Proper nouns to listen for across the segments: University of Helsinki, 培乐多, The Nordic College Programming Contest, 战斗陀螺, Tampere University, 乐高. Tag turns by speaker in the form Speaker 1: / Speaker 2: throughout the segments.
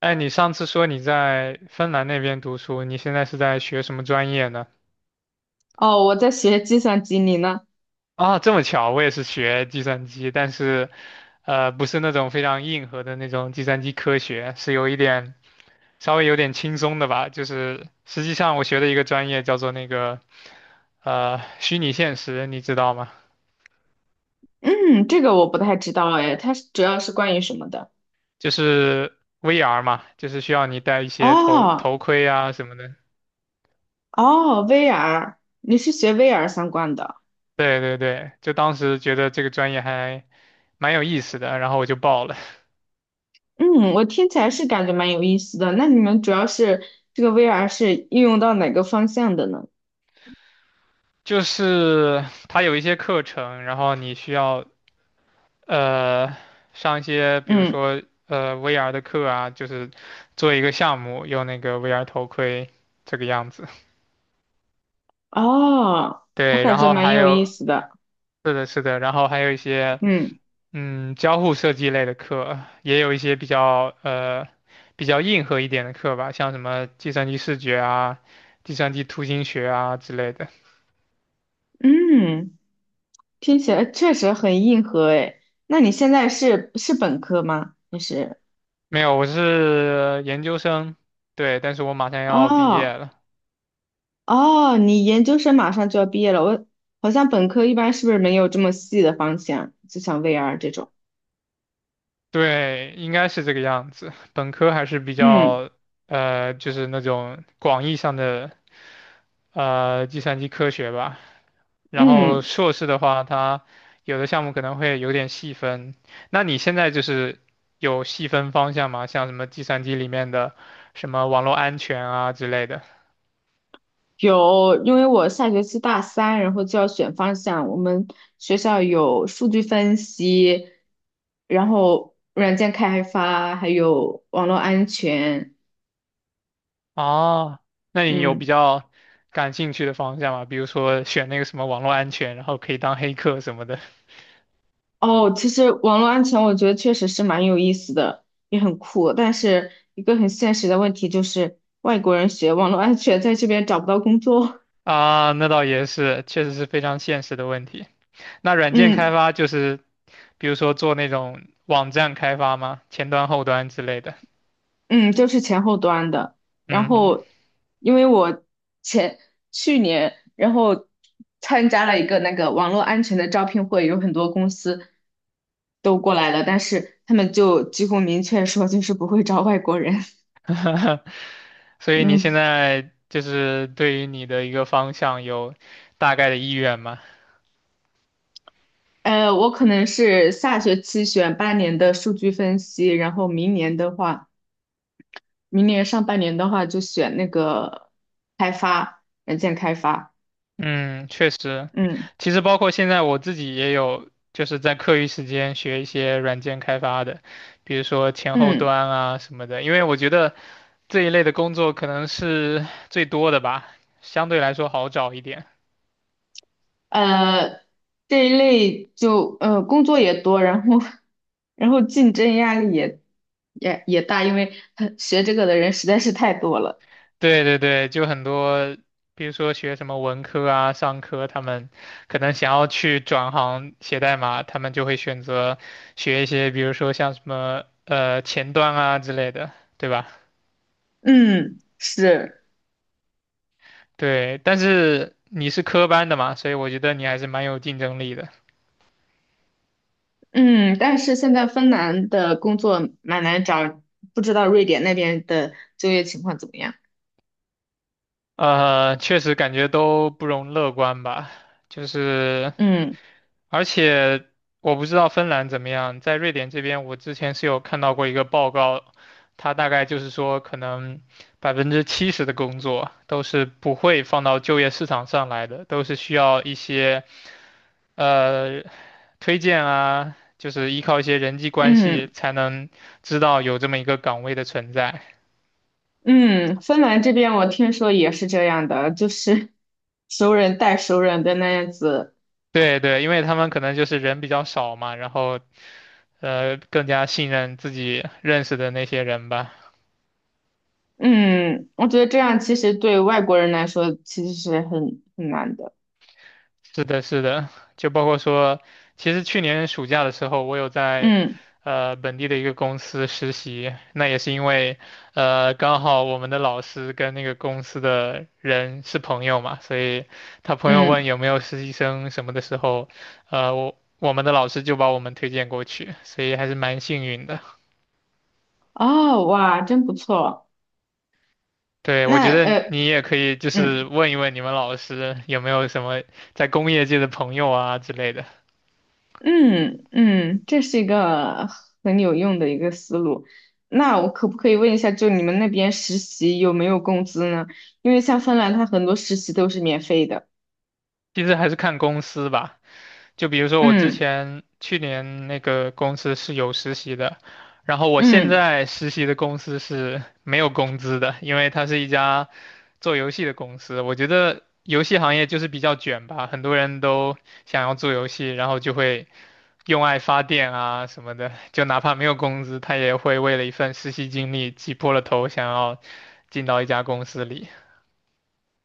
Speaker 1: 哎，你上次说你在芬兰那边读书，你现在是在学什么专业呢？
Speaker 2: 哦，我在学计算机，你呢？
Speaker 1: 啊，这么巧，我也是学计算机，但是，不是那种非常硬核的那种计算机科学，是有一点稍微有点轻松的吧。就是实际上我学的一个专业叫做那个，虚拟现实，你知道吗？
Speaker 2: 嗯，这个我不太知道哎，它是主要是关于什么的？
Speaker 1: 就是 VR 嘛，就是需要你戴一些头
Speaker 2: 哦
Speaker 1: 头盔啊什么的。
Speaker 2: 哦，VR，你是学 VR 相关的？
Speaker 1: 对对对，就当时觉得这个专业还蛮有意思的，然后我就报了。
Speaker 2: 嗯，我听起来是感觉蛮有意思的。那你们主要是这个 VR 是应用到哪个方向的呢？
Speaker 1: 就是它有一些课程，然后你需要呃上一些，比如
Speaker 2: 嗯，
Speaker 1: 说VR 的课啊，就是做一个项目，用那个 VR 头盔这个样子。
Speaker 2: 哦，我
Speaker 1: 对，然
Speaker 2: 感觉
Speaker 1: 后
Speaker 2: 蛮
Speaker 1: 还
Speaker 2: 有意
Speaker 1: 有
Speaker 2: 思的。
Speaker 1: 是的，是的，然后还有一些
Speaker 2: 嗯
Speaker 1: 交互设计类的课，也有一些比较比较硬核一点的课吧，像什么计算机视觉啊、计算机图形学啊之类的。
Speaker 2: 嗯，听起来确实很硬核哎。那你现在是本科吗？还是？
Speaker 1: 没有，我是研究生，对，但是我马上要毕业
Speaker 2: 哦
Speaker 1: 了。
Speaker 2: 哦，你研究生马上就要毕业了，我好像本科一般是不是没有这么细的方向，就像 VR 这种。
Speaker 1: 对，应该是这个样子。本科还是比
Speaker 2: 嗯
Speaker 1: 较，就是那种广义上的，计算机科学吧。然后
Speaker 2: 嗯，
Speaker 1: 硕士的话，它有的项目可能会有点细分。那你现在就是有细分方向吗？像什么计算机里面的什么网络安全啊之类的。
Speaker 2: 有，因为我下学期大三，然后就要选方向。我们学校有数据分析，然后软件开发，还有网络安全。
Speaker 1: 哦，那你有比
Speaker 2: 嗯。
Speaker 1: 较感兴趣的方向吗？比如说选那个什么网络安全，然后可以当黑客什么的。
Speaker 2: 哦，其实网络安全我觉得确实是蛮有意思的，也很酷。但是一个很现实的问题就是，外国人学网络安全在这边找不到工作。
Speaker 1: 啊，那倒也是，确实是非常现实的问题。那 软件开
Speaker 2: 嗯
Speaker 1: 发就是，比如说做那种网站开发吗？前端、后端之类的。
Speaker 2: 嗯，就是前后端的。然
Speaker 1: 嗯，
Speaker 2: 后，因为我前去年，然后参加了一个那个网络安全的招聘会，有很多公司都过来了，但是他们就几乎明确说就是不会招外国人。
Speaker 1: 所 以你现
Speaker 2: 嗯。
Speaker 1: 在就是对于你的一个方向有大概的意愿吗？
Speaker 2: 我可能是下学期选半年的数据分析，然后明年的话，明年上半年的话就选那个软件开发。
Speaker 1: 嗯，确实，
Speaker 2: 嗯
Speaker 1: 其实包括现在我自己也有，就是在课余时间学一些软件开发的，比如说前后
Speaker 2: 嗯，
Speaker 1: 端啊什么的，因为我觉得这一类的工作可能是最多的吧，相对来说好找一点。
Speaker 2: 呃，这一类就工作也多，然后 然后竞争压力也大，因为他学这个的人实在是太多了。
Speaker 1: 对对对，就很多，比如说学什么文科啊、商科，他们可能想要去转行写代码，他们就会选择学一些，比如说像什么前端啊之类的，对吧？
Speaker 2: 嗯，是，
Speaker 1: 对，但是你是科班的嘛，所以我觉得你还是蛮有竞争力的。
Speaker 2: 嗯，但是现在芬兰的工作蛮难找，不知道瑞典那边的就业情况怎么样。
Speaker 1: 确实感觉都不容乐观吧，就是。
Speaker 2: 嗯
Speaker 1: 而且我不知道芬兰怎么样，在瑞典这边，我之前是有看到过一个报告，它大概就是说，可能70%的工作都是不会放到就业市场上来的，都是需要一些呃推荐啊，就是依靠一些人际关系
Speaker 2: 嗯
Speaker 1: 才能知道有这么一个岗位的存在。
Speaker 2: 嗯，芬兰这边我听说也是这样的，就是熟人带熟人的那样子。
Speaker 1: 对对，因为他们可能就是人比较少嘛，然后更加信任自己认识的那些人吧。
Speaker 2: 嗯，我觉得这样其实对外国人来说其实是很难的。
Speaker 1: 是的，是的，就包括说，其实去年暑假的时候，我有在
Speaker 2: 嗯
Speaker 1: 本地的一个公司实习，那也是因为刚好我们的老师跟那个公司的人是朋友嘛，所以他朋友问
Speaker 2: 嗯，
Speaker 1: 有没有实习生什么的时候，我们的老师就把我们推荐过去，所以还是蛮幸运的。
Speaker 2: 哦哇，真不错。
Speaker 1: 对，我觉
Speaker 2: 那
Speaker 1: 得你也可以就是
Speaker 2: 嗯
Speaker 1: 问一问你们老师有没有什么在工业界的朋友啊之类的，
Speaker 2: 嗯嗯，这是一个很有用的一个思路。那我可不可以问一下，就你们那边实习有没有工资呢？因为像芬兰，它很多实习都是免费的。
Speaker 1: 其实还是看公司吧。就比如说我之
Speaker 2: 嗯
Speaker 1: 前去年那个公司是有实习的，然后我现
Speaker 2: 嗯。
Speaker 1: 在实习的公司是没有工资的，因为它是一家做游戏的公司。我觉得游戏行业就是比较卷吧，很多人都想要做游戏，然后就会用爱发电啊什么的，就哪怕没有工资，他也会为了一份实习经历挤破了头，想要进到一家公司里。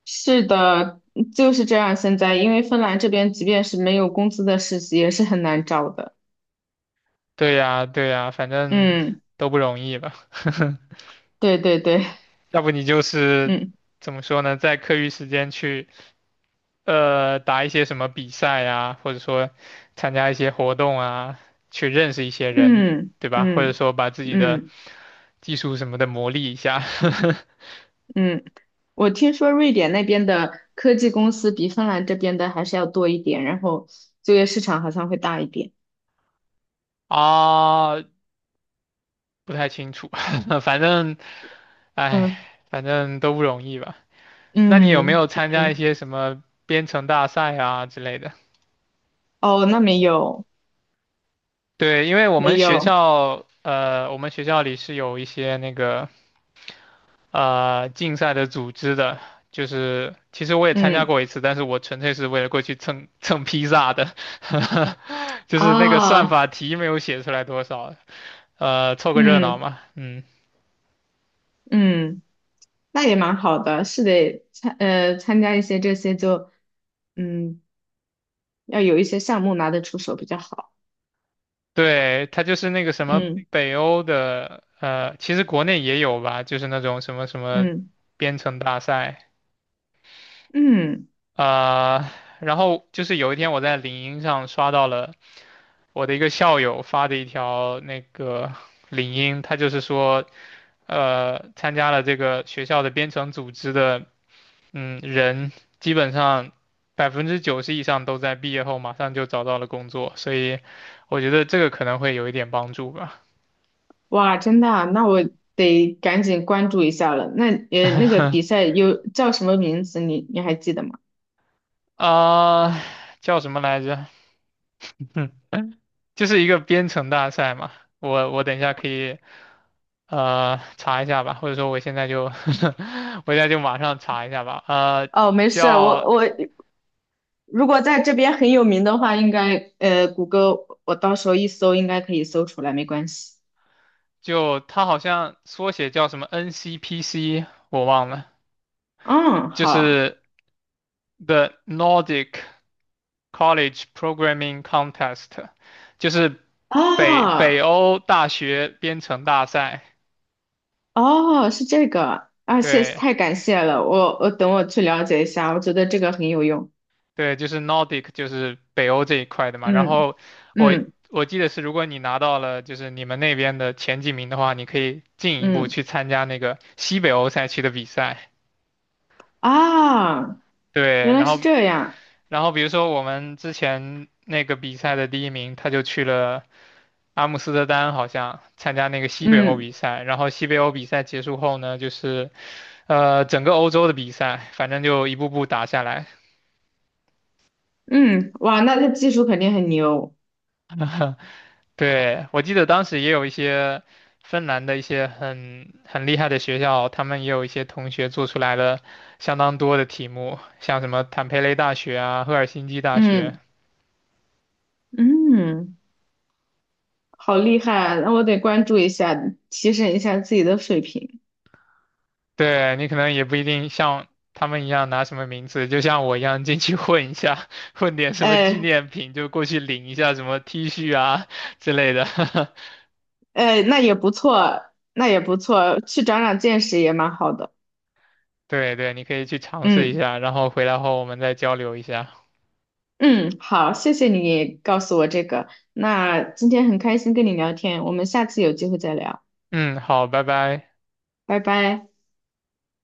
Speaker 2: 是的，就是这样。现在，因为芬兰这边即便是没有工资的实习，也是很难找的。
Speaker 1: 对呀，对呀，反正
Speaker 2: 嗯，
Speaker 1: 都不容易吧。
Speaker 2: 对对对，
Speaker 1: 要不你就是
Speaker 2: 嗯
Speaker 1: 怎么说呢，在课余时间去打一些什么比赛啊，或者说参加一些活动啊，去认识一些人，
Speaker 2: 嗯
Speaker 1: 对吧？或者
Speaker 2: 嗯
Speaker 1: 说把自己的
Speaker 2: 嗯
Speaker 1: 技术什么的磨砺一下
Speaker 2: 嗯。我听说瑞典那边的科技公司比芬兰这边的还是要多一点，然后就业市场好像会大一点。
Speaker 1: 啊，不太清楚，反正，哎，
Speaker 2: 嗯
Speaker 1: 反正都不容易吧。那你有没
Speaker 2: 嗯
Speaker 1: 有参加一
Speaker 2: 嗯。
Speaker 1: 些什么编程大赛啊之类的？
Speaker 2: 哦，那没有
Speaker 1: 对，因为我
Speaker 2: 没
Speaker 1: 们学
Speaker 2: 有。
Speaker 1: 校，呃，我们学校里是有一些那个竞赛的组织的，就是其实我也参加
Speaker 2: 嗯
Speaker 1: 过一次，但是我纯粹是为了过去蹭蹭披萨的，就是那个算
Speaker 2: 啊
Speaker 1: 法题没有写出来多少，凑个热闹
Speaker 2: 嗯
Speaker 1: 嘛，嗯，
Speaker 2: 嗯，那也蛮好的，是得参加一些这些就。嗯，要有一些项目拿得出手比较好。
Speaker 1: 对，它就是那个什么
Speaker 2: 嗯
Speaker 1: 北欧的，其实国内也有吧，就是那种什么什么
Speaker 2: 嗯
Speaker 1: 编程大赛。
Speaker 2: 嗯，
Speaker 1: 呃，然后就是有一天我在领英上刷到了我的一个校友发的一条那个领英，他就是说，参加了这个学校的编程组织的，嗯，人基本上90%以上都在毕业后马上就找到了工作，所以我觉得这个可能会有一点帮助吧。
Speaker 2: 哇，真的啊那我得赶紧关注一下了。那那个比 赛有叫什么名字？你还记得吗？
Speaker 1: 啊、叫什么来着？就是一个编程大赛嘛。我等一下可以查一下吧，或者说我现在就 我现在就马上查一下吧。
Speaker 2: 哦，没事儿我
Speaker 1: 叫
Speaker 2: 我如果在这边很有名的话，应该谷歌我到时候一搜应该可以搜出来，没关系。
Speaker 1: 就它好像缩写叫什么 NCPC，我忘了，
Speaker 2: 嗯，
Speaker 1: 就
Speaker 2: 好
Speaker 1: 是 The Nordic College Programming Contest，就是北
Speaker 2: 啊，
Speaker 1: 欧大学编程大赛。
Speaker 2: 哦，是这个啊，谢，
Speaker 1: 对。
Speaker 2: 太感谢了，我等我去了解一下，我觉得这个很有用。
Speaker 1: 对，就是 Nordic，就是北欧这一块的嘛。然
Speaker 2: 嗯
Speaker 1: 后我
Speaker 2: 嗯
Speaker 1: 我记得是，如果你拿到了就是你们那边的前几名的话，你可以进一步
Speaker 2: 嗯。
Speaker 1: 去参加那个西北欧赛区的比赛。
Speaker 2: 啊，原
Speaker 1: 对，
Speaker 2: 来
Speaker 1: 然
Speaker 2: 是
Speaker 1: 后
Speaker 2: 这样。
Speaker 1: 比如说我们之前那个比赛的第一名，他就去了阿姆斯特丹，好像参加那个西北欧
Speaker 2: 嗯
Speaker 1: 比赛。然后西北欧比赛结束后呢，就是整个欧洲的比赛，反正就一步步打下来，
Speaker 2: 嗯，哇，那他技术肯定很牛。
Speaker 1: 对，我记得当时也有一些芬兰的一些很厉害的学校，他们也有一些同学做出来了相当多的题目，像什么坦佩雷大学啊、赫尔辛基大学。
Speaker 2: 嗯嗯，好厉害啊，那我得关注一下，提升一下自己的水平。
Speaker 1: 对，你可能也不一定像他们一样拿什么名字，就像我一样进去混一下，混点什么纪
Speaker 2: 哎
Speaker 1: 念品，就过去领一下什么 T 恤啊之类的。
Speaker 2: 哎，那也不错，那也不错，去长长见识也蛮好的。
Speaker 1: 对对，你可以去尝试一
Speaker 2: 嗯
Speaker 1: 下，然后回来后我们再交流一下。
Speaker 2: 嗯，好，谢谢你告诉我这个。那今天很开心跟你聊天，我们下次有机会再聊，
Speaker 1: 嗯，好，拜拜。
Speaker 2: 拜拜。